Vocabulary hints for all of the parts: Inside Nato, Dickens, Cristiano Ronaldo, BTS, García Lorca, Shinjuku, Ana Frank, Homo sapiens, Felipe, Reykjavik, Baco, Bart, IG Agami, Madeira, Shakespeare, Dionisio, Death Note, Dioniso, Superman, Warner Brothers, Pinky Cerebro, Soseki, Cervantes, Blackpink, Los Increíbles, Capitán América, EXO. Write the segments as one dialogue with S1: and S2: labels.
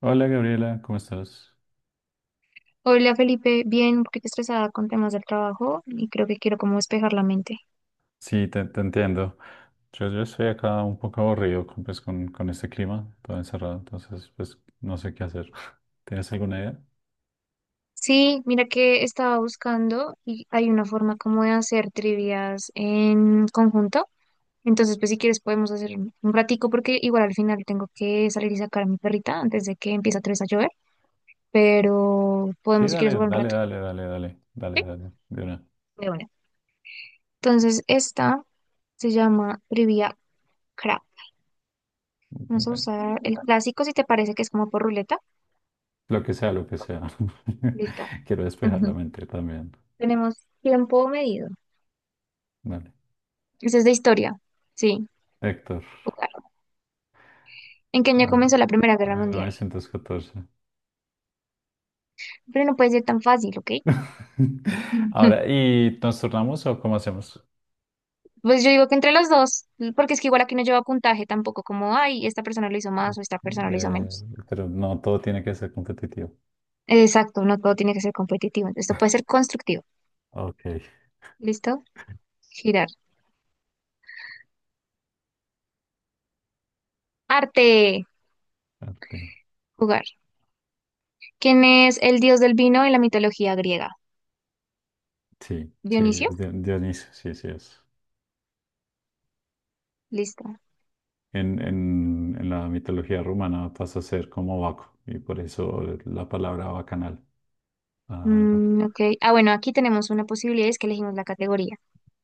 S1: Hola Gabriela, ¿cómo estás?
S2: Hola Felipe, bien, un poquito estresada con temas del trabajo y creo que quiero como despejar la mente.
S1: Sí, te entiendo. Yo estoy acá un poco aburrido con, pues, con este clima, todo encerrado, entonces pues no sé qué hacer. ¿Tienes alguna idea?
S2: Sí, mira que estaba buscando y hay una forma como de hacer trivias en conjunto. Entonces, pues si quieres podemos hacer un ratico porque igual al final tengo que salir y sacar a mi perrita antes de que empiece otra vez a llover, pero
S1: Sí,
S2: podemos si quieres
S1: dale,
S2: jugar un
S1: dale,
S2: rato.
S1: dale, dale, dale, dale,
S2: Sí,
S1: dale, de una.
S2: de una. Entonces, esta se llama trivia crap. Vamos a
S1: Bueno,
S2: usar el clásico si te parece que es como por ruleta.
S1: lo que sea, lo que sea.
S2: Listo.
S1: Quiero despejar la
S2: Ujú.
S1: mente también.
S2: Tenemos tiempo medido.
S1: Dale.
S2: Esa es de historia. Sí.
S1: Héctor,
S2: Jugar. ¿En qué año
S1: ah,
S2: comenzó la Primera Guerra
S1: mil
S2: Mundial?
S1: novecientos catorce.
S2: Pero no puede ser tan fácil, ¿ok?
S1: Ahora, ¿y nos turnamos o cómo hacemos?
S2: Pues yo digo que entre los dos, porque es que igual aquí no lleva puntaje tampoco, como, ay, esta persona lo hizo más o esta persona lo hizo
S1: Eh,
S2: menos.
S1: pero no, todo tiene que ser competitivo.
S2: Exacto, no todo tiene que ser competitivo. Esto puede ser constructivo.
S1: Ok.
S2: ¿Listo? Girar. Arte.
S1: Arte.
S2: Jugar. ¿Quién es el dios del vino en la mitología griega?
S1: Sí, sí,
S2: Dionisio.
S1: es de Dioniso, sí, sí es.
S2: Listo.
S1: En la mitología romana pasa a ser como Baco, y por eso la palabra bacanal. Ah,
S2: Mm, ok. Ah, bueno, aquí tenemos una posibilidad, es que elegimos la categoría.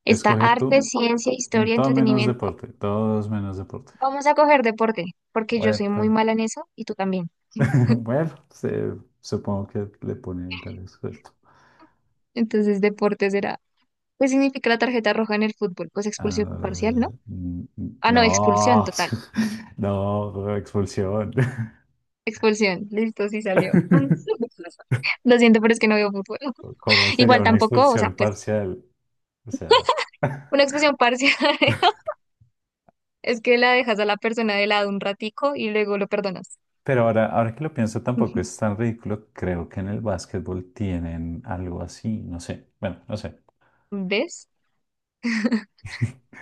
S2: Está
S1: escoge
S2: arte,
S1: tú,
S2: ciencia, historia,
S1: todo menos
S2: entretenimiento.
S1: deporte, todos menos deporte.
S2: Vamos a coger deporte, porque yo
S1: Bueno,
S2: soy muy mala en eso y tú también.
S1: bueno, supongo que le pone interés suelto.
S2: Entonces, deporte será. ¿Qué significa la tarjeta roja en el fútbol? Pues expulsión
S1: Ah,
S2: parcial, ¿no? Ah, no, expulsión
S1: no,
S2: total.
S1: no, expulsión.
S2: Expulsión. Listo, sí salió. Lo siento, pero es que no veo fútbol.
S1: ¿Cómo sería
S2: Igual
S1: una
S2: tampoco, o sea,
S1: expulsión
S2: pues
S1: parcial? O sea.
S2: una expulsión parcial es que la dejas a la persona de lado un ratico y luego lo perdonas.
S1: Pero ahora que lo pienso, tampoco es tan ridículo. Creo que en el básquetbol tienen algo así. No sé. Bueno, no sé.
S2: ¿Ves?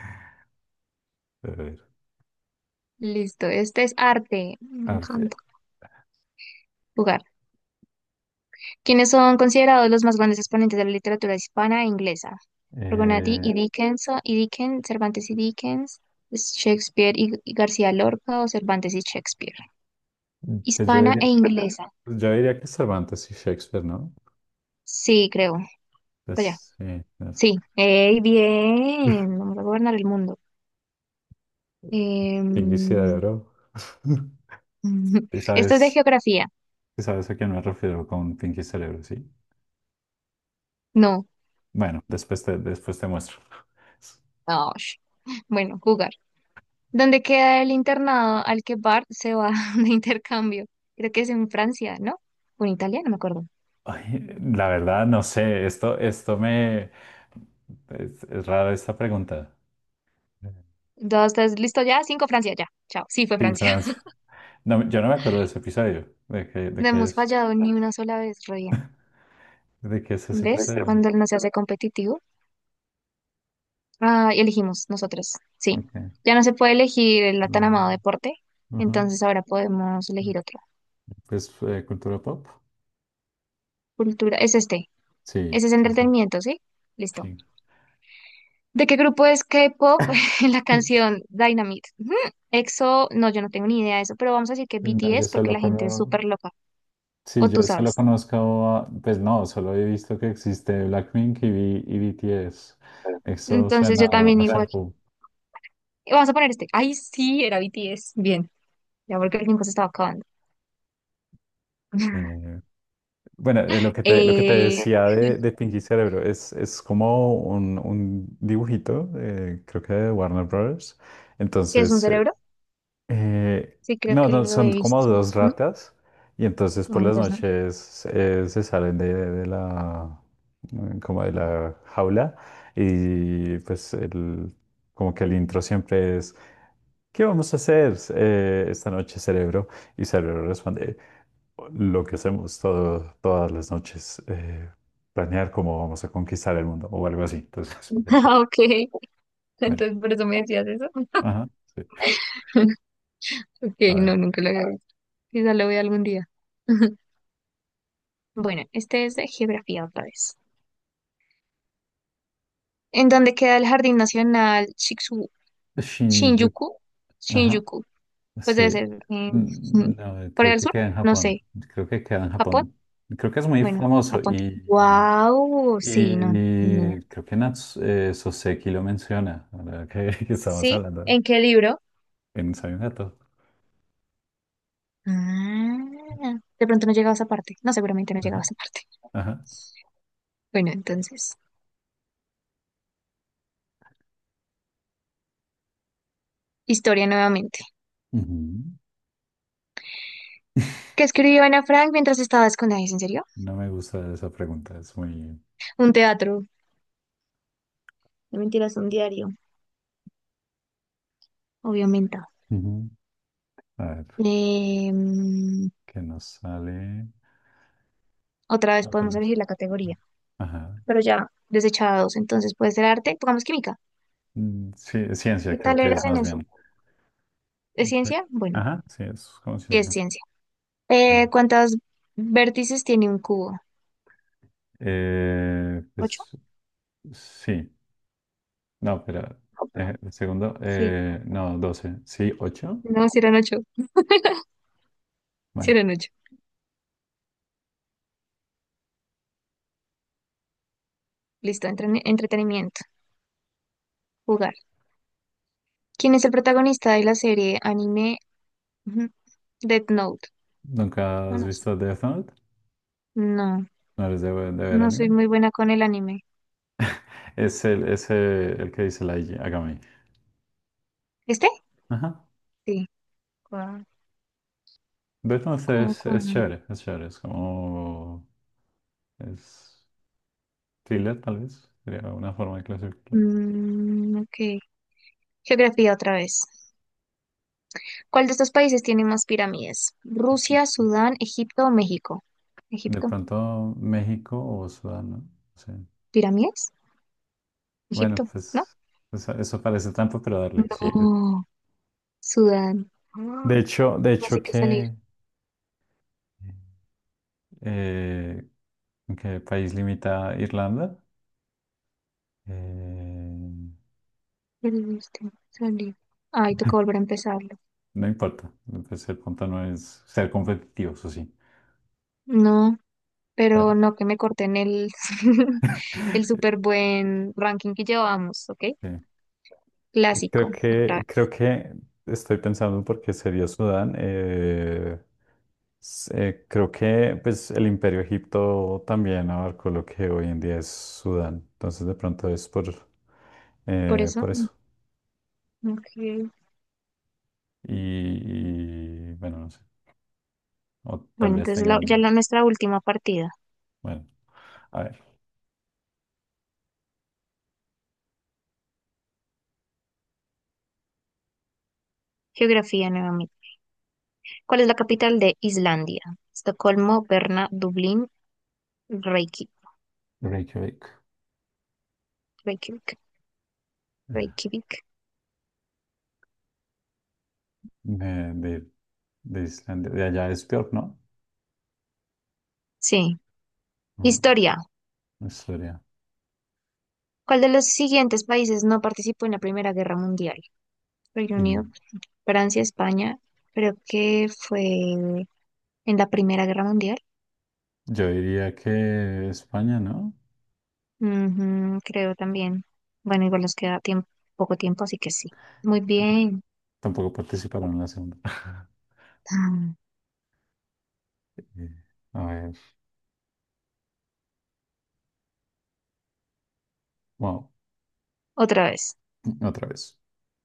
S1: A ver,
S2: Listo, este es arte. Me
S1: arte.
S2: encanta jugar. ¿Quienes son considerados los más grandes exponentes de la literatura hispana e inglesa? Rogonati
S1: Eh,
S2: y Dickens, Cervantes y Dickens, Shakespeare y García Lorca o Cervantes y Shakespeare.
S1: pues yo
S2: Hispana
S1: diría,
S2: e inglesa.
S1: pues yo diría que Cervantes y Shakespeare, ¿no?
S2: Sí, creo. Vaya.
S1: Pues sí, es
S2: Sí. ¡Ey, bien! Vamos a gobernar el mundo.
S1: Pinky
S2: Em,
S1: Cerebro. ¿Y
S2: Esto es de
S1: sabes,
S2: geografía.
S1: y sabes a quién me refiero con Pinky Cerebro, sí?
S2: No.
S1: Bueno, después te muestro.
S2: No. Bueno, jugar. ¿Dónde queda el internado al que Bart se va de intercambio? Creo que es en Francia, ¿no? O en Italia, no me acuerdo.
S1: Ay, la verdad, no sé. Esto me... Es raro esta pregunta.
S2: Dos, tres, listo, ya. Cinco, Francia, ya. Chao. Sí, fue
S1: Sí,
S2: Francia.
S1: Francia. No, yo no me acuerdo de ese episodio. ¿De qué, de
S2: No
S1: qué
S2: hemos
S1: es?
S2: fallado ni una sola vez, re bien.
S1: ¿De qué es ese
S2: ¿Ves?
S1: episodio?
S2: Cuando no se hace competitivo. Ah, y elegimos nosotros. Sí.
S1: Ok.
S2: Ya no se puede elegir el tan
S1: Mm,
S2: amado deporte.
S1: ujú.
S2: Entonces ahora podemos elegir otro.
S1: Pues cultura pop.
S2: Cultura. Es este. Ese
S1: Sí,
S2: es
S1: sí, sí.
S2: entretenimiento, ¿sí? Listo.
S1: Sí.
S2: ¿De qué grupo es K-pop en la canción Dynamite? Ujú. EXO, no, yo no tengo ni idea de eso, pero vamos a decir que
S1: No, yo
S2: BTS porque
S1: solo
S2: la gente es
S1: conozco,
S2: súper loca.
S1: sí,
S2: O tú
S1: yo solo
S2: sabes.
S1: conozco, a- pues no, solo he visto que existe Blackpink y, y BTS. Eso
S2: Entonces
S1: suena
S2: yo también.
S1: a shampoo.
S2: Vamos a poner este. Ay, sí, era BTS. Bien, ya porque el tiempo se estaba acabando.
S1: Eh, bueno, lo que te
S2: Eh,
S1: decía de Pinky Cerebro es como un dibujito, creo que de Warner Brothers.
S2: ¿Qué es un
S1: Entonces,
S2: cerebro?
S1: Eh,
S2: Sí, creo
S1: no,
S2: que
S1: no,
S2: lo
S1: son
S2: he
S1: como
S2: visto.
S1: dos
S2: ¿No?
S1: ratas y entonces
S2: No,
S1: por las
S2: entonces no.
S1: noches se salen de la como de la jaula y pues como que el intro siempre es ¿qué vamos a hacer esta noche, cerebro? Y cerebro responde lo que hacemos todas las noches, planear cómo vamos a conquistar el mundo o algo así. Entonces por eso,
S2: Ah, ok,
S1: bueno,
S2: entonces por eso me decías eso.
S1: ajá, sí,
S2: Ok,
S1: a
S2: no,
S1: ver,
S2: nunca lo había visto. Quizá lo vea algún día. Bueno, este es de geografía otra vez. ¿En dónde queda el Jardín Nacional
S1: Shinjuku,
S2: Shinjuku?
S1: ajá.
S2: Shinjuku. Pues debe
S1: Sí,
S2: ser en
S1: no,
S2: Corea
S1: creo
S2: del
S1: que
S2: Sur.
S1: queda en
S2: No
S1: Japón.
S2: sé.
S1: Creo que queda en
S2: ¿Japón?
S1: Japón. Creo que es muy
S2: Bueno,
S1: famoso
S2: apunta.
S1: y,
S2: Wow, sí, no, ni idea.
S1: y creo que Soseki lo menciona, ahora que, que estamos
S2: ¿Sí?
S1: hablando
S2: ¿En qué libro?
S1: en Inside Nato.
S2: Ah, de pronto no llegaba a esa parte. No, seguramente no llegaba
S1: Ajá,
S2: a esa parte.
S1: ajá.
S2: Bueno, entonces, historia nuevamente.
S1: Ujú.
S2: ¿Qué escribió Ana Frank mientras estaba escondida? ¿Es en serio?
S1: No me gusta esa pregunta, es muy...
S2: Un teatro. No mentiras, un diario, obviamente.
S1: Ujú. A ver,
S2: Em,
S1: ¿qué nos sale?
S2: Otra vez podemos
S1: Otras.
S2: elegir la categoría,
S1: Ajá.
S2: pero ya desechados. Entonces, puede ser arte, pongamos química.
S1: Mm, sí,
S2: ¿Qué
S1: ciencia creo
S2: tal
S1: que es
S2: eres en
S1: más
S2: eso?
S1: bien.
S2: ¿Es
S1: Ujú.
S2: ciencia? Bueno,
S1: Ajá, sí, es como
S2: sí es
S1: ciencia.
S2: ciencia.
S1: Eh,
S2: ¿Cuántos vértices tiene un cubo?
S1: eh,
S2: ¿Ocho?
S1: pues sí. No, pero un segundo.
S2: Sí.
S1: No, 12, sí, 8.
S2: No, si eran ocho. Si
S1: Bueno,
S2: eran ocho. Listo, entretenimiento. Jugar. ¿Quién es el protagonista de la serie anime, ujú, Death Note?
S1: ¿nunca
S2: No,
S1: has
S2: no sé.
S1: visto Death Note?
S2: No,
S1: ¿No eres de ver
S2: no soy
S1: anime?
S2: muy buena con el anime.
S1: Es el que dice la IG Agami.
S2: ¿Este?
S1: Ajá.
S2: Sí. Cua-
S1: Death Note es,
S2: cua.
S1: es chévere, es chévere. Es como... Es thriller, tal vez. Sería una forma de clasificarlo.
S2: Mm, ok. Geografía otra vez. ¿Cuál de estos países tiene más pirámides? ¿Rusia, Sudán, Egipto o México?
S1: De
S2: ¿Egipto?
S1: pronto México o Sudán, ¿no? Sí.
S2: ¿Pirámides?
S1: Bueno,
S2: ¿Egipto? ¿No?
S1: pues eso parece trampa, pero darle, sí.
S2: No. Sudán. Ah,
S1: De hecho, de
S2: así
S1: hecho
S2: que salir,
S1: que... eh, ¿En qué país limita Irlanda? Eh,
S2: perdiste, salir. Ay, toca volver a empezarlo.
S1: no importa, pues el punto no es ser competitivos, o sí.
S2: No,
S1: Bueno,
S2: pero no que me corten el, el súper buen ranking que llevamos, ¿ok?
S1: eh,
S2: Clásico,
S1: creo
S2: otra
S1: que, creo
S2: vez.
S1: que estoy pensando porque sería Sudán. Creo que pues, el Imperio Egipto también abarcó lo que hoy en día es Sudán. Entonces de pronto es por,
S2: Por
S1: eh, por
S2: eso, mm,
S1: eso.
S2: ok.
S1: Y, bueno, no sé. O tal
S2: Bueno,
S1: vez
S2: entonces
S1: tengan,
S2: ya la nuestra última partida.
S1: bueno, a ver.
S2: Geografía nuevamente. ¿Cuál es la capital de Islandia? Estocolmo, Berna, Dublín, Reiki-
S1: Reykjavik.
S2: Reykjavik,
S1: Eh,
S2: Reykjavik.
S1: De, de de Islandia, de allá es peor, ¿no?
S2: Sí.
S1: Ah,
S2: Historia.
S1: Historia.
S2: ¿Cuál de los siguientes países no participó en la Primera Guerra Mundial? Reino
S1: Y
S2: Unido, Francia, España. Creo que fue en la Primera Guerra Mundial.
S1: yo diría que España, ¿no?
S2: Ujú, creo también. Bueno, igual nos queda tiempo, poco tiempo, así que sí. Muy bien.
S1: Tampoco participaron en la segunda.
S2: Ah,
S1: Eh, A ver, wow,
S2: otra vez.
S1: otra vez.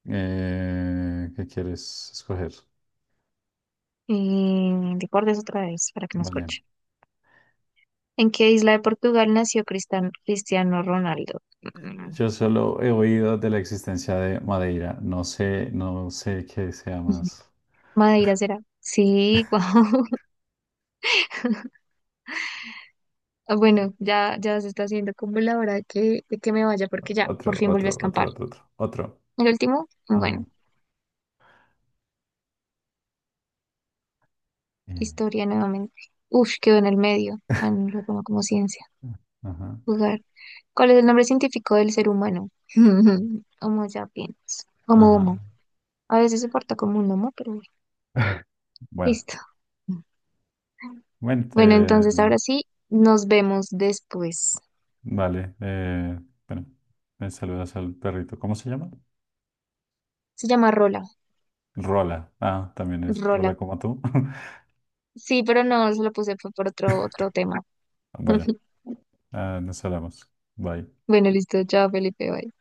S1: ¿Qué quieres escoger?
S2: Y deportes otra vez para que me
S1: Vale.
S2: escuche. ¿En qué isla de Portugal nació Cristiano Ronaldo? Mm,
S1: Yo solo he oído de la existencia de Madeira. No sé, no sé qué sea más.
S2: Madeira será. Sí, wow. Ah, bueno, ya, ya se está haciendo como la hora que, de que me vaya porque ya, por
S1: Otro,
S2: fin volví a
S1: otro, otro,
S2: escampar.
S1: otro, otro, otro.
S2: El último,
S1: Ujú.
S2: bueno,
S1: Eh,
S2: historia nuevamente. Uf, quedó en el medio. Ah, no lo pongo como ciencia.
S1: Ajá,
S2: Jugar. ¿Cuál es el nombre científico del ser humano? Homo sapiens. Homo homo.
S1: ajá.
S2: A veces se porta como un homo, pero bueno,
S1: Bueno,
S2: listo.
S1: mente.
S2: Bueno, entonces ahora sí, nos vemos después.
S1: Vale, bueno, me saludas al perrito. ¿Cómo se llama?
S2: Se llama Rola.
S1: Rola. Ah, también es
S2: Rola.
S1: Rola como tú.
S2: Sí, pero no, se lo puse fue por otro, otro tema.
S1: Bueno, ah, nos hablamos. Bye.
S2: Bueno, listo. Chao, Felipe. Bye.